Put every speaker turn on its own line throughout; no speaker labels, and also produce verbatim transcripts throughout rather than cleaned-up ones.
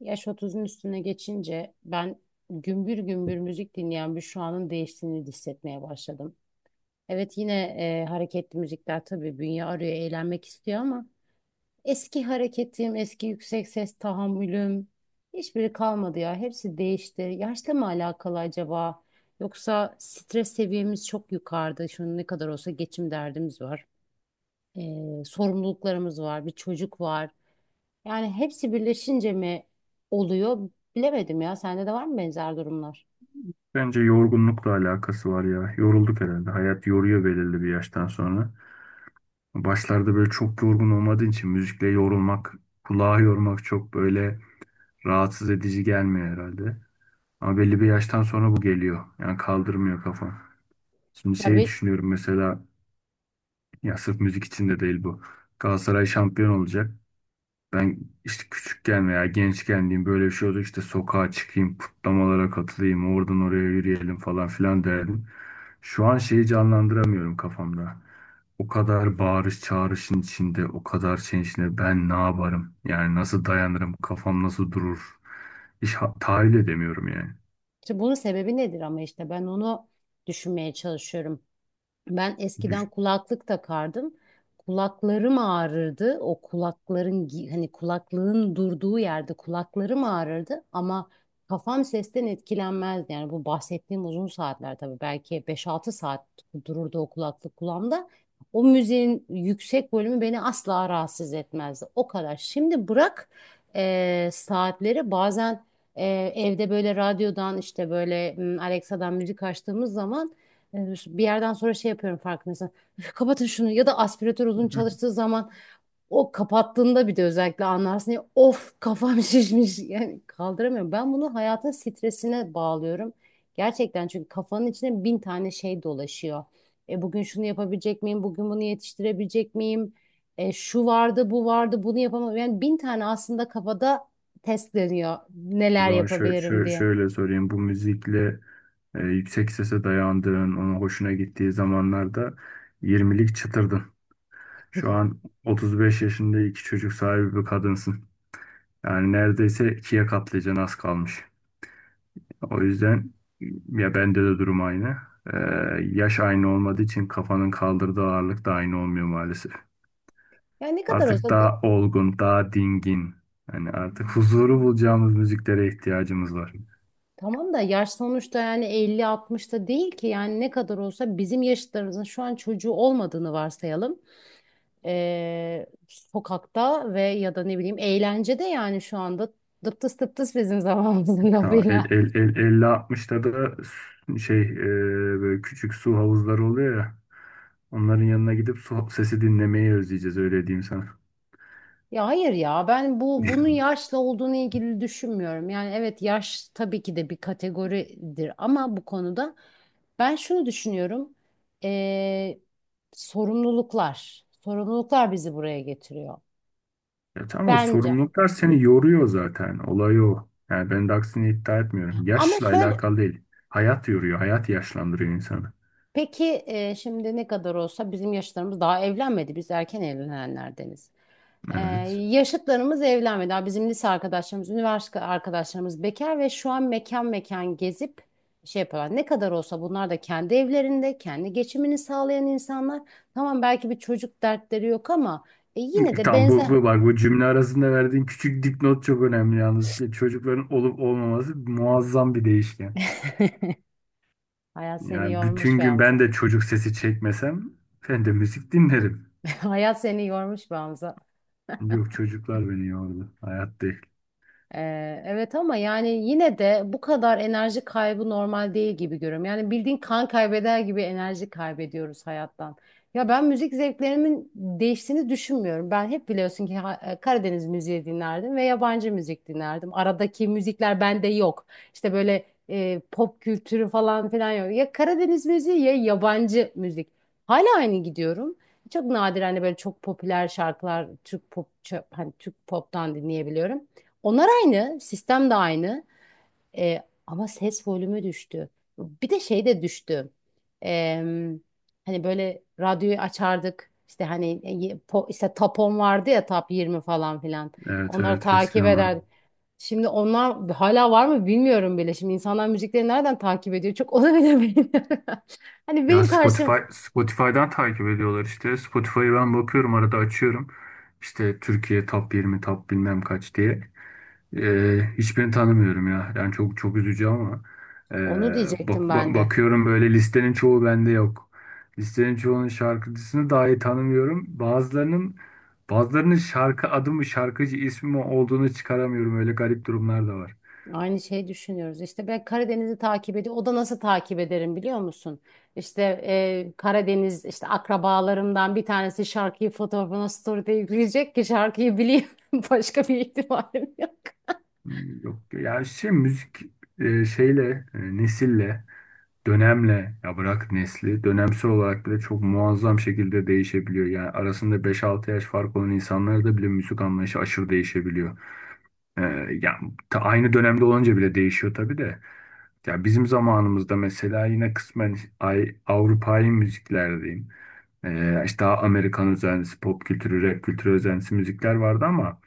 Yaş otuzun üstüne geçince ben gümbür gümbür müzik dinleyen bir şu anın değiştiğini hissetmeye başladım. Evet yine e, hareketli müzikler tabii bünye arıyor, eğlenmek istiyor ama eski hareketim, eski yüksek ses tahammülüm hiçbiri kalmadı ya. Hepsi değişti. Yaşla mı alakalı acaba? Yoksa stres seviyemiz çok yukarıda. Şu an ne kadar olsa geçim derdimiz var. E, sorumluluklarımız var, bir çocuk var. Yani hepsi birleşince mi oluyor? Bilemedim ya. Sende de var mı benzer durumlar?
Bence yorgunlukla alakası var ya. Yorulduk herhalde. Hayat yoruyor belirli bir yaştan sonra. Başlarda böyle çok yorgun olmadığın için müzikle yorulmak, kulağı yormak çok böyle rahatsız edici gelmiyor herhalde. Ama belli bir yaştan sonra bu geliyor. Yani kaldırmıyor kafam. Şimdi
Ya
şey
bir,
düşünüyorum mesela ya sırf müzik için de değil bu. Galatasaray şampiyon olacak. Ben işte küçükken veya gençken diyeyim böyle bir şey oldu işte sokağa çıkayım, kutlamalara katılayım, oradan oraya yürüyelim falan filan derdim. Şu an şeyi canlandıramıyorum kafamda. O kadar bağırış çağrışın içinde, o kadar şeyin içinde ben ne yaparım? Yani nasıl dayanırım? Kafam nasıl durur? Hiç ha- tahayyül edemiyorum yani.
işte bunun sebebi nedir ama işte ben onu düşünmeye çalışıyorum. Ben eskiden
Düş-
kulaklık takardım. Kulaklarım ağrırdı. O kulakların gi- hani kulaklığın durduğu yerde kulaklarım ağrırdı ama kafam sesten etkilenmezdi. Yani bu bahsettiğim uzun saatler tabii belki beş altı saat dururdu o kulaklık kulağımda. O müziğin yüksek bölümü beni asla rahatsız etmezdi. O kadar. Şimdi bırak e, saatleri bazen e, evde böyle radyodan işte böyle m, Alexa'dan müzik açtığımız zaman yani bir yerden sonra şey yapıyorum farkındaysan. "Üf, kapatın şunu" ya da aspiratör uzun çalıştığı zaman o kapattığında bir de özellikle anlarsın ya, of kafam şişmiş yani kaldıramıyorum. Ben bunu hayatın stresine bağlıyorum. Gerçekten çünkü kafanın içine bin tane şey dolaşıyor. E, bugün şunu yapabilecek miyim? Bugün bunu yetiştirebilecek miyim? E, şu vardı, bu vardı, bunu yapamam. Yani bin tane aslında kafada test dönüyor
O
neler
zaman şöyle,
yapabilirim
şöyle,
diye.
şöyle sorayım. Bu müzikle e, yüksek sese dayandığın, ona hoşuna gittiği zamanlarda yirmilik çıtırdın. Şu an otuz beş yaşında iki çocuk sahibi bir kadınsın. Yani neredeyse ikiye katlayacaksın az kalmış. O yüzden ya bende de durum aynı. Ee, yaş aynı olmadığı için kafanın kaldırdığı ağırlık da aynı olmuyor maalesef.
Yani ne kadar
Artık
olsa.
daha olgun, daha dingin. Yani artık huzuru bulacağımız müziklere ihtiyacımız var.
Tamam da yaş sonuçta, yani elli altmışta değil ki, yani ne kadar olsa bizim yaşıtlarımızın şu an çocuğu olmadığını varsayalım. Ee, sokakta ve ya da ne bileyim eğlencede, yani şu anda dıptıs dıptıs bizim zamanımızın
Tamam, el,
lafıyla.
el, el, elli altmışta da s- şey e, böyle küçük su havuzları oluyor ya. Onların yanına gidip su sesi dinlemeyi özleyeceğiz öyle diyeyim sana.
Ya hayır ya, ben bu bunun yaşla olduğunu ilgili düşünmüyorum. Yani evet, yaş tabii ki de bir kategoridir ama bu konuda ben şunu düşünüyorum. Ee, sorumluluklar. Sorumluluklar bizi buraya getiriyor.
Ya tamam o
Bence.
sorumluluklar seni yoruyor zaten. Olay o. Yani ben de aksini iddia etmiyorum.
Ama
Yaşla
şöyle
alakalı değil. Hayat yoruyor. Hayat yaşlandırıyor insanı.
peki, e, şimdi ne kadar olsa bizim yaşlarımız daha evlenmedi. Biz erken evlenenlerdeniz. E,
Evet.
yaşıtlarımız evlenmedi. Daha bizim lise arkadaşlarımız, üniversite arkadaşlarımız bekar ve şu an mekan mekan gezip şey yapıyorlar. Ne kadar olsa bunlar da kendi evlerinde, kendi geçimini sağlayan insanlar. Tamam, belki bir çocuk dertleri yok ama e, yine de
Tam bu,
benzer.
bu bak bu cümle arasında verdiğin küçük dipnot çok önemli yalnız. Çocukların olup olmaması muazzam bir değişken.
Hayat seni
Yani
yormuş
bütün
be
gün ben
Hamza.
de çocuk sesi çekmesem ben de müzik dinlerim.
Hayat seni yormuş be Hamza.
Yok, çocuklar beni yordu. Hayat değil.
Ee, evet ama yani yine de bu kadar enerji kaybı normal değil gibi görüyorum. Yani bildiğin kan kaybeder gibi enerji kaybediyoruz hayattan. Ya ben müzik zevklerimin değiştiğini düşünmüyorum. Ben hep biliyorsun ki ha- e, Karadeniz müziği dinlerdim ve yabancı müzik dinlerdim. Aradaki müzikler bende yok. İşte böyle e, pop kültürü falan filan yok. Ya Karadeniz müziği ya yabancı müzik. Hala aynı gidiyorum. Çok nadir hani böyle çok popüler şarkılar Türk pop, çö- hani Türk pop'tan dinleyebiliyorum. Onlar aynı, sistem de aynı. Ee, ama ses volümü düştü. Bir de şey de düştü. Ee, hani böyle radyoyu açardık. İşte hani, e, po- işte Tapon vardı ya, Tap yirmi falan filan.
Evet,
Onları
evet,
takip
eskiden ben.
ederdik. Şimdi onlar hala var mı bilmiyorum bile. Şimdi insanlar müzikleri nereden takip ediyor? Çok onu bile bilmiyorum. Hani
Ya
benim
Spotify,
karşım,
Spotify'dan takip ediyorlar işte. Spotify'ı ben bakıyorum arada açıyorum. İşte Türkiye top yirmi top bilmem kaç diye. Ee, hiçbirini tanımıyorum ya. Yani çok çok üzücü ama ee,
onu
bak,
diyecektim ben
ba-
de.
bakıyorum böyle listenin çoğu bende yok. Listenin çoğunun şarkıcısını dahi tanımıyorum. Bazılarının bazılarının şarkı adı mı şarkıcı ismi mi olduğunu çıkaramıyorum. Öyle garip durumlar da var.
Aynı şeyi düşünüyoruz. İşte ben Karadeniz'i takip ediyorum. O da nasıl takip ederim biliyor musun? İşte e, Karadeniz işte akrabalarımdan bir tanesi şarkıyı fotoğrafına story'de yükleyecek ki şarkıyı bileyim. Başka bir ihtimalim yok.
Hmm, Yok yani şey müzik e, şeyle e, nesille dönemle ya bırak nesli dönemsel olarak bile çok muazzam şekilde değişebiliyor. Yani arasında beş altı yaş fark olan insanlarda da bile müzik anlayışı aşırı değişebiliyor. Ee, yani ta- aynı dönemde olunca bile değişiyor tabii de. Ya bizim zamanımızda mesela yine kısmen ay, Avrupa'yı müzikler diyeyim. Ee, işte daha Amerikan özentisi, pop kültürü, rap kültürü özentisi müzikler vardı ama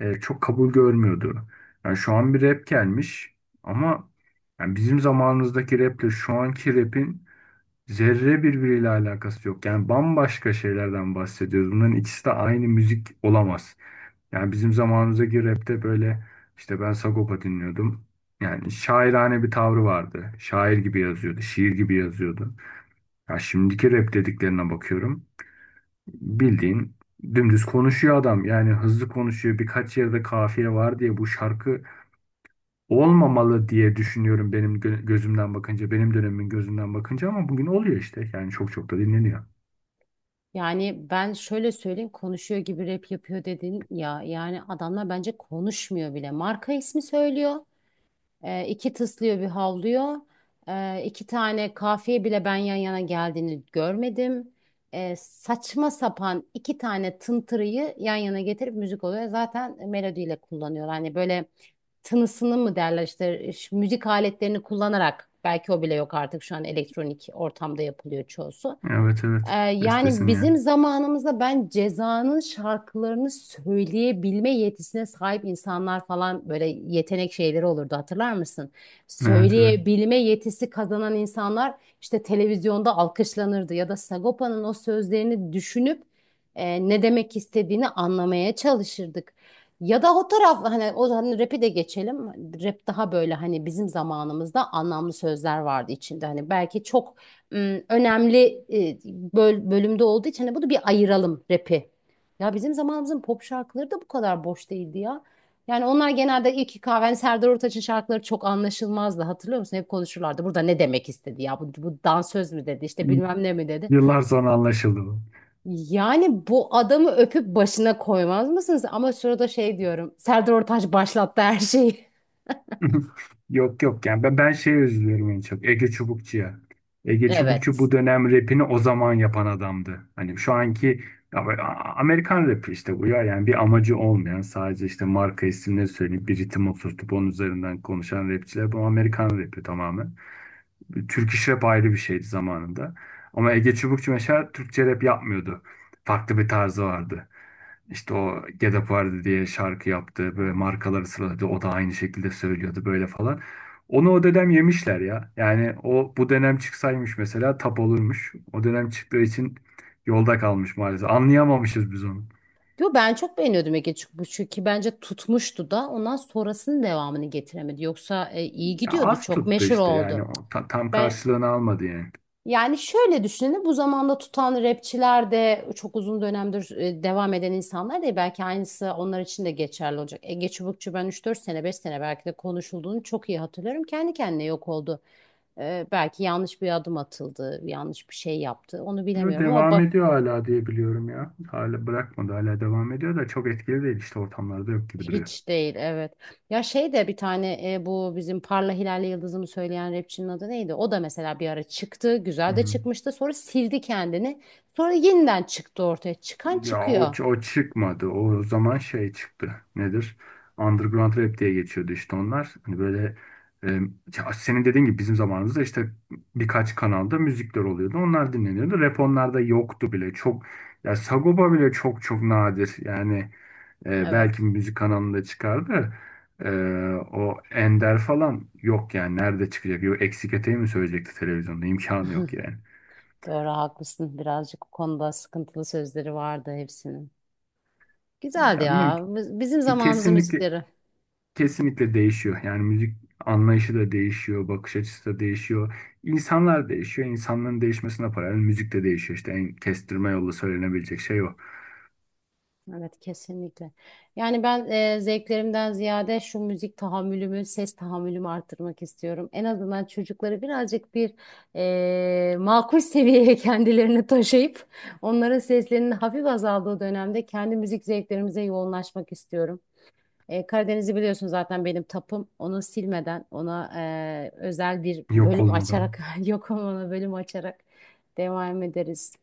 e, çok kabul görmüyordu. Yani şu an bir rap gelmiş ama yani bizim zamanımızdaki raple şu anki rapin zerre birbiriyle alakası yok. Yani bambaşka şeylerden bahsediyoruz. Bunların ikisi de aynı müzik olamaz. Yani bizim zamanımızdaki rapte böyle işte ben Sagopa dinliyordum. Yani şairane bir tavrı vardı. Şair gibi yazıyordu, şiir gibi yazıyordu. Ya şimdiki rap dediklerine bakıyorum. Bildiğin dümdüz konuşuyor adam. Yani hızlı konuşuyor. Birkaç yerde kafiye var diye bu şarkı olmamalı diye düşünüyorum benim gö- gözümden bakınca, benim dönemimin gözünden bakınca ama bugün oluyor işte. Yani çok çok da dinleniyor.
Yani ben şöyle söyleyeyim, konuşuyor gibi rap yapıyor dedin ya. Yani adamlar bence konuşmuyor bile. Marka ismi söylüyor. E, iki tıslıyor bir havlıyor. E, iki tane kafiye bile ben yan yana geldiğini görmedim. E, saçma sapan iki tane tıntırıyı yan yana getirip müzik oluyor. Zaten melodiyle kullanıyor. Hani böyle tınısını mı derler, işte ş- müzik aletlerini kullanarak, belki o bile yok artık, şu an elektronik ortamda yapılıyor çoğusu.
Evet,
Ee,
evet.
yani
Bestesini yani.
bizim zamanımızda ben Ceza'nın şarkılarını söyleyebilme yetisine sahip insanlar falan böyle yetenek şeyleri olurdu, hatırlar mısın?
Evet, evet.
Söyleyebilme yetisi kazanan insanlar işte televizyonda alkışlanırdı ya da Sagopa'nın o sözlerini düşünüp e, ne demek istediğini anlamaya çalışırdık. Ya da o taraf, hani o hani rap'i de geçelim. Rap daha böyle, hani bizim zamanımızda anlamlı sözler vardı içinde. Hani belki çok ım, önemli e, böl- bölümde olduğu için hani bunu bir ayıralım rap'i. Ya bizim zamanımızın pop şarkıları da bu kadar boş değildi ya. Yani onlar genelde İlki Kahven, Serdar Ortaç'ın şarkıları çok anlaşılmazdı. Hatırlıyor musun? Hep konuşurlardı. Burada ne demek istedi ya? Bu, bu dansöz mü dedi? İşte bilmem ne mi dedi?
Yıllar sonra anlaşıldı bu.
Yani bu adamı öpüp başına koymaz mısınız? Ama şurada şey diyorum. Serdar Ortaç başlattı her şeyi.
Yok, yok, yani ben, ben şeye üzülüyorum en çok. Ege Çubukçu'ya. Ege Çubukçu
Evet.
bu dönem rapini o zaman yapan adamdı. Hani şu anki ya böyle, A- Amerikan rapi işte bu ya yani bir amacı olmayan sadece işte marka isimleri söyleyip bir ritim oturtup onun üzerinden konuşan rapçiler bu Amerikan rapi tamamen. Türk iş rap ayrı bir şeydi zamanında. Ama Ege Çubukçu mesela Türkçe rap yapmıyordu. Farklı bir tarzı vardı. İşte o Get Up Vardı diye şarkı yaptı. Böyle markaları sıraladı. O da aynı şekilde söylüyordu böyle falan. Onu o dönem yemişler ya. Yani o bu dönem çıksaymış mesela tap olurmuş. O dönem çıktığı için yolda kalmış maalesef. Anlayamamışız biz onu.
Yo, ben çok beğeniyordum Ege Çıkmış'ı ki bence tutmuştu da ondan sonrasının devamını getiremedi. Yoksa e, iyi
Ya
gidiyordu,
az
çok
tuttu
meşhur
işte yani
oldu.
o ta- tam
Ben,
karşılığını almadı yani.
yani şöyle düşünün, bu zamanda tutan rapçiler de çok uzun dönemdir e, devam eden insanlar değil. Belki aynısı onlar için de geçerli olacak. Ege Çubukçu ben üç dört sene beş sene belki de konuşulduğunu çok iyi hatırlıyorum. Kendi kendine yok oldu. E, belki yanlış bir adım atıldı, yanlış bir şey yaptı, onu
Yo,
bilemiyorum ama.
devam ediyor hala diye biliyorum ya. Hala bırakmadı, hala devam ediyor da çok etkili değil işte, ortamlarda yok gibi duruyor.
Hiç değil, evet. Ya şey de, bir tane e, bu bizim Parla Hilal'le Yıldız'ımı söyleyen rapçinin adı neydi? O da mesela bir ara çıktı.
Hı
Güzel de
hı.
çıkmıştı. Sonra sildi kendini. Sonra yeniden çıktı ortaya. Çıkan
Ya o,
çıkıyor.
ç- o çıkmadı. O zaman şey çıktı. Nedir? Underground rap diye geçiyordu işte onlar. Hani böyle e, ya senin dediğin gibi bizim zamanımızda işte birkaç kanalda müzikler oluyordu. Onlar dinleniyordu. Rap onlarda yoktu bile. Çok, ya Sagopa bile çok çok nadir. Yani e, belki
Evet.
bir müzik kanalında çıkardı. E, o Ender falan yok yani. Nerede çıkacak? Yok, eksik eteği mi söyleyecekti televizyonda? İmkanı yok yani.
Doğru, haklısın. Birazcık bu konuda sıkıntılı sözleri vardı hepsinin. Güzeldi
Ya bilmiyorum.
ya. Biz- Bizim zamanımızın
Kesinlikle
müzikleri.
Kesinlikle değişiyor. Yani müzik anlayışı da değişiyor, bakış açısı da değişiyor. İnsanlar değişiyor. İnsanların değişmesine paralel müzik de değişiyor. İşte en kestirme yolu söylenebilecek şey o.
Evet, kesinlikle. Yani ben e, zevklerimden ziyade şu müzik tahammülümü, ses tahammülümü arttırmak istiyorum. En azından çocukları birazcık bir e, makul seviyeye kendilerini taşıyıp onların seslerinin hafif azaldığı dönemde kendi müzik zevklerimize yoğunlaşmak istiyorum. E, Karadeniz'i biliyorsun zaten benim tapım. Onu silmeden, ona e, özel bir
Yok
bölüm
olmadan.
açarak, yok ama ona bölüm açarak devam ederiz.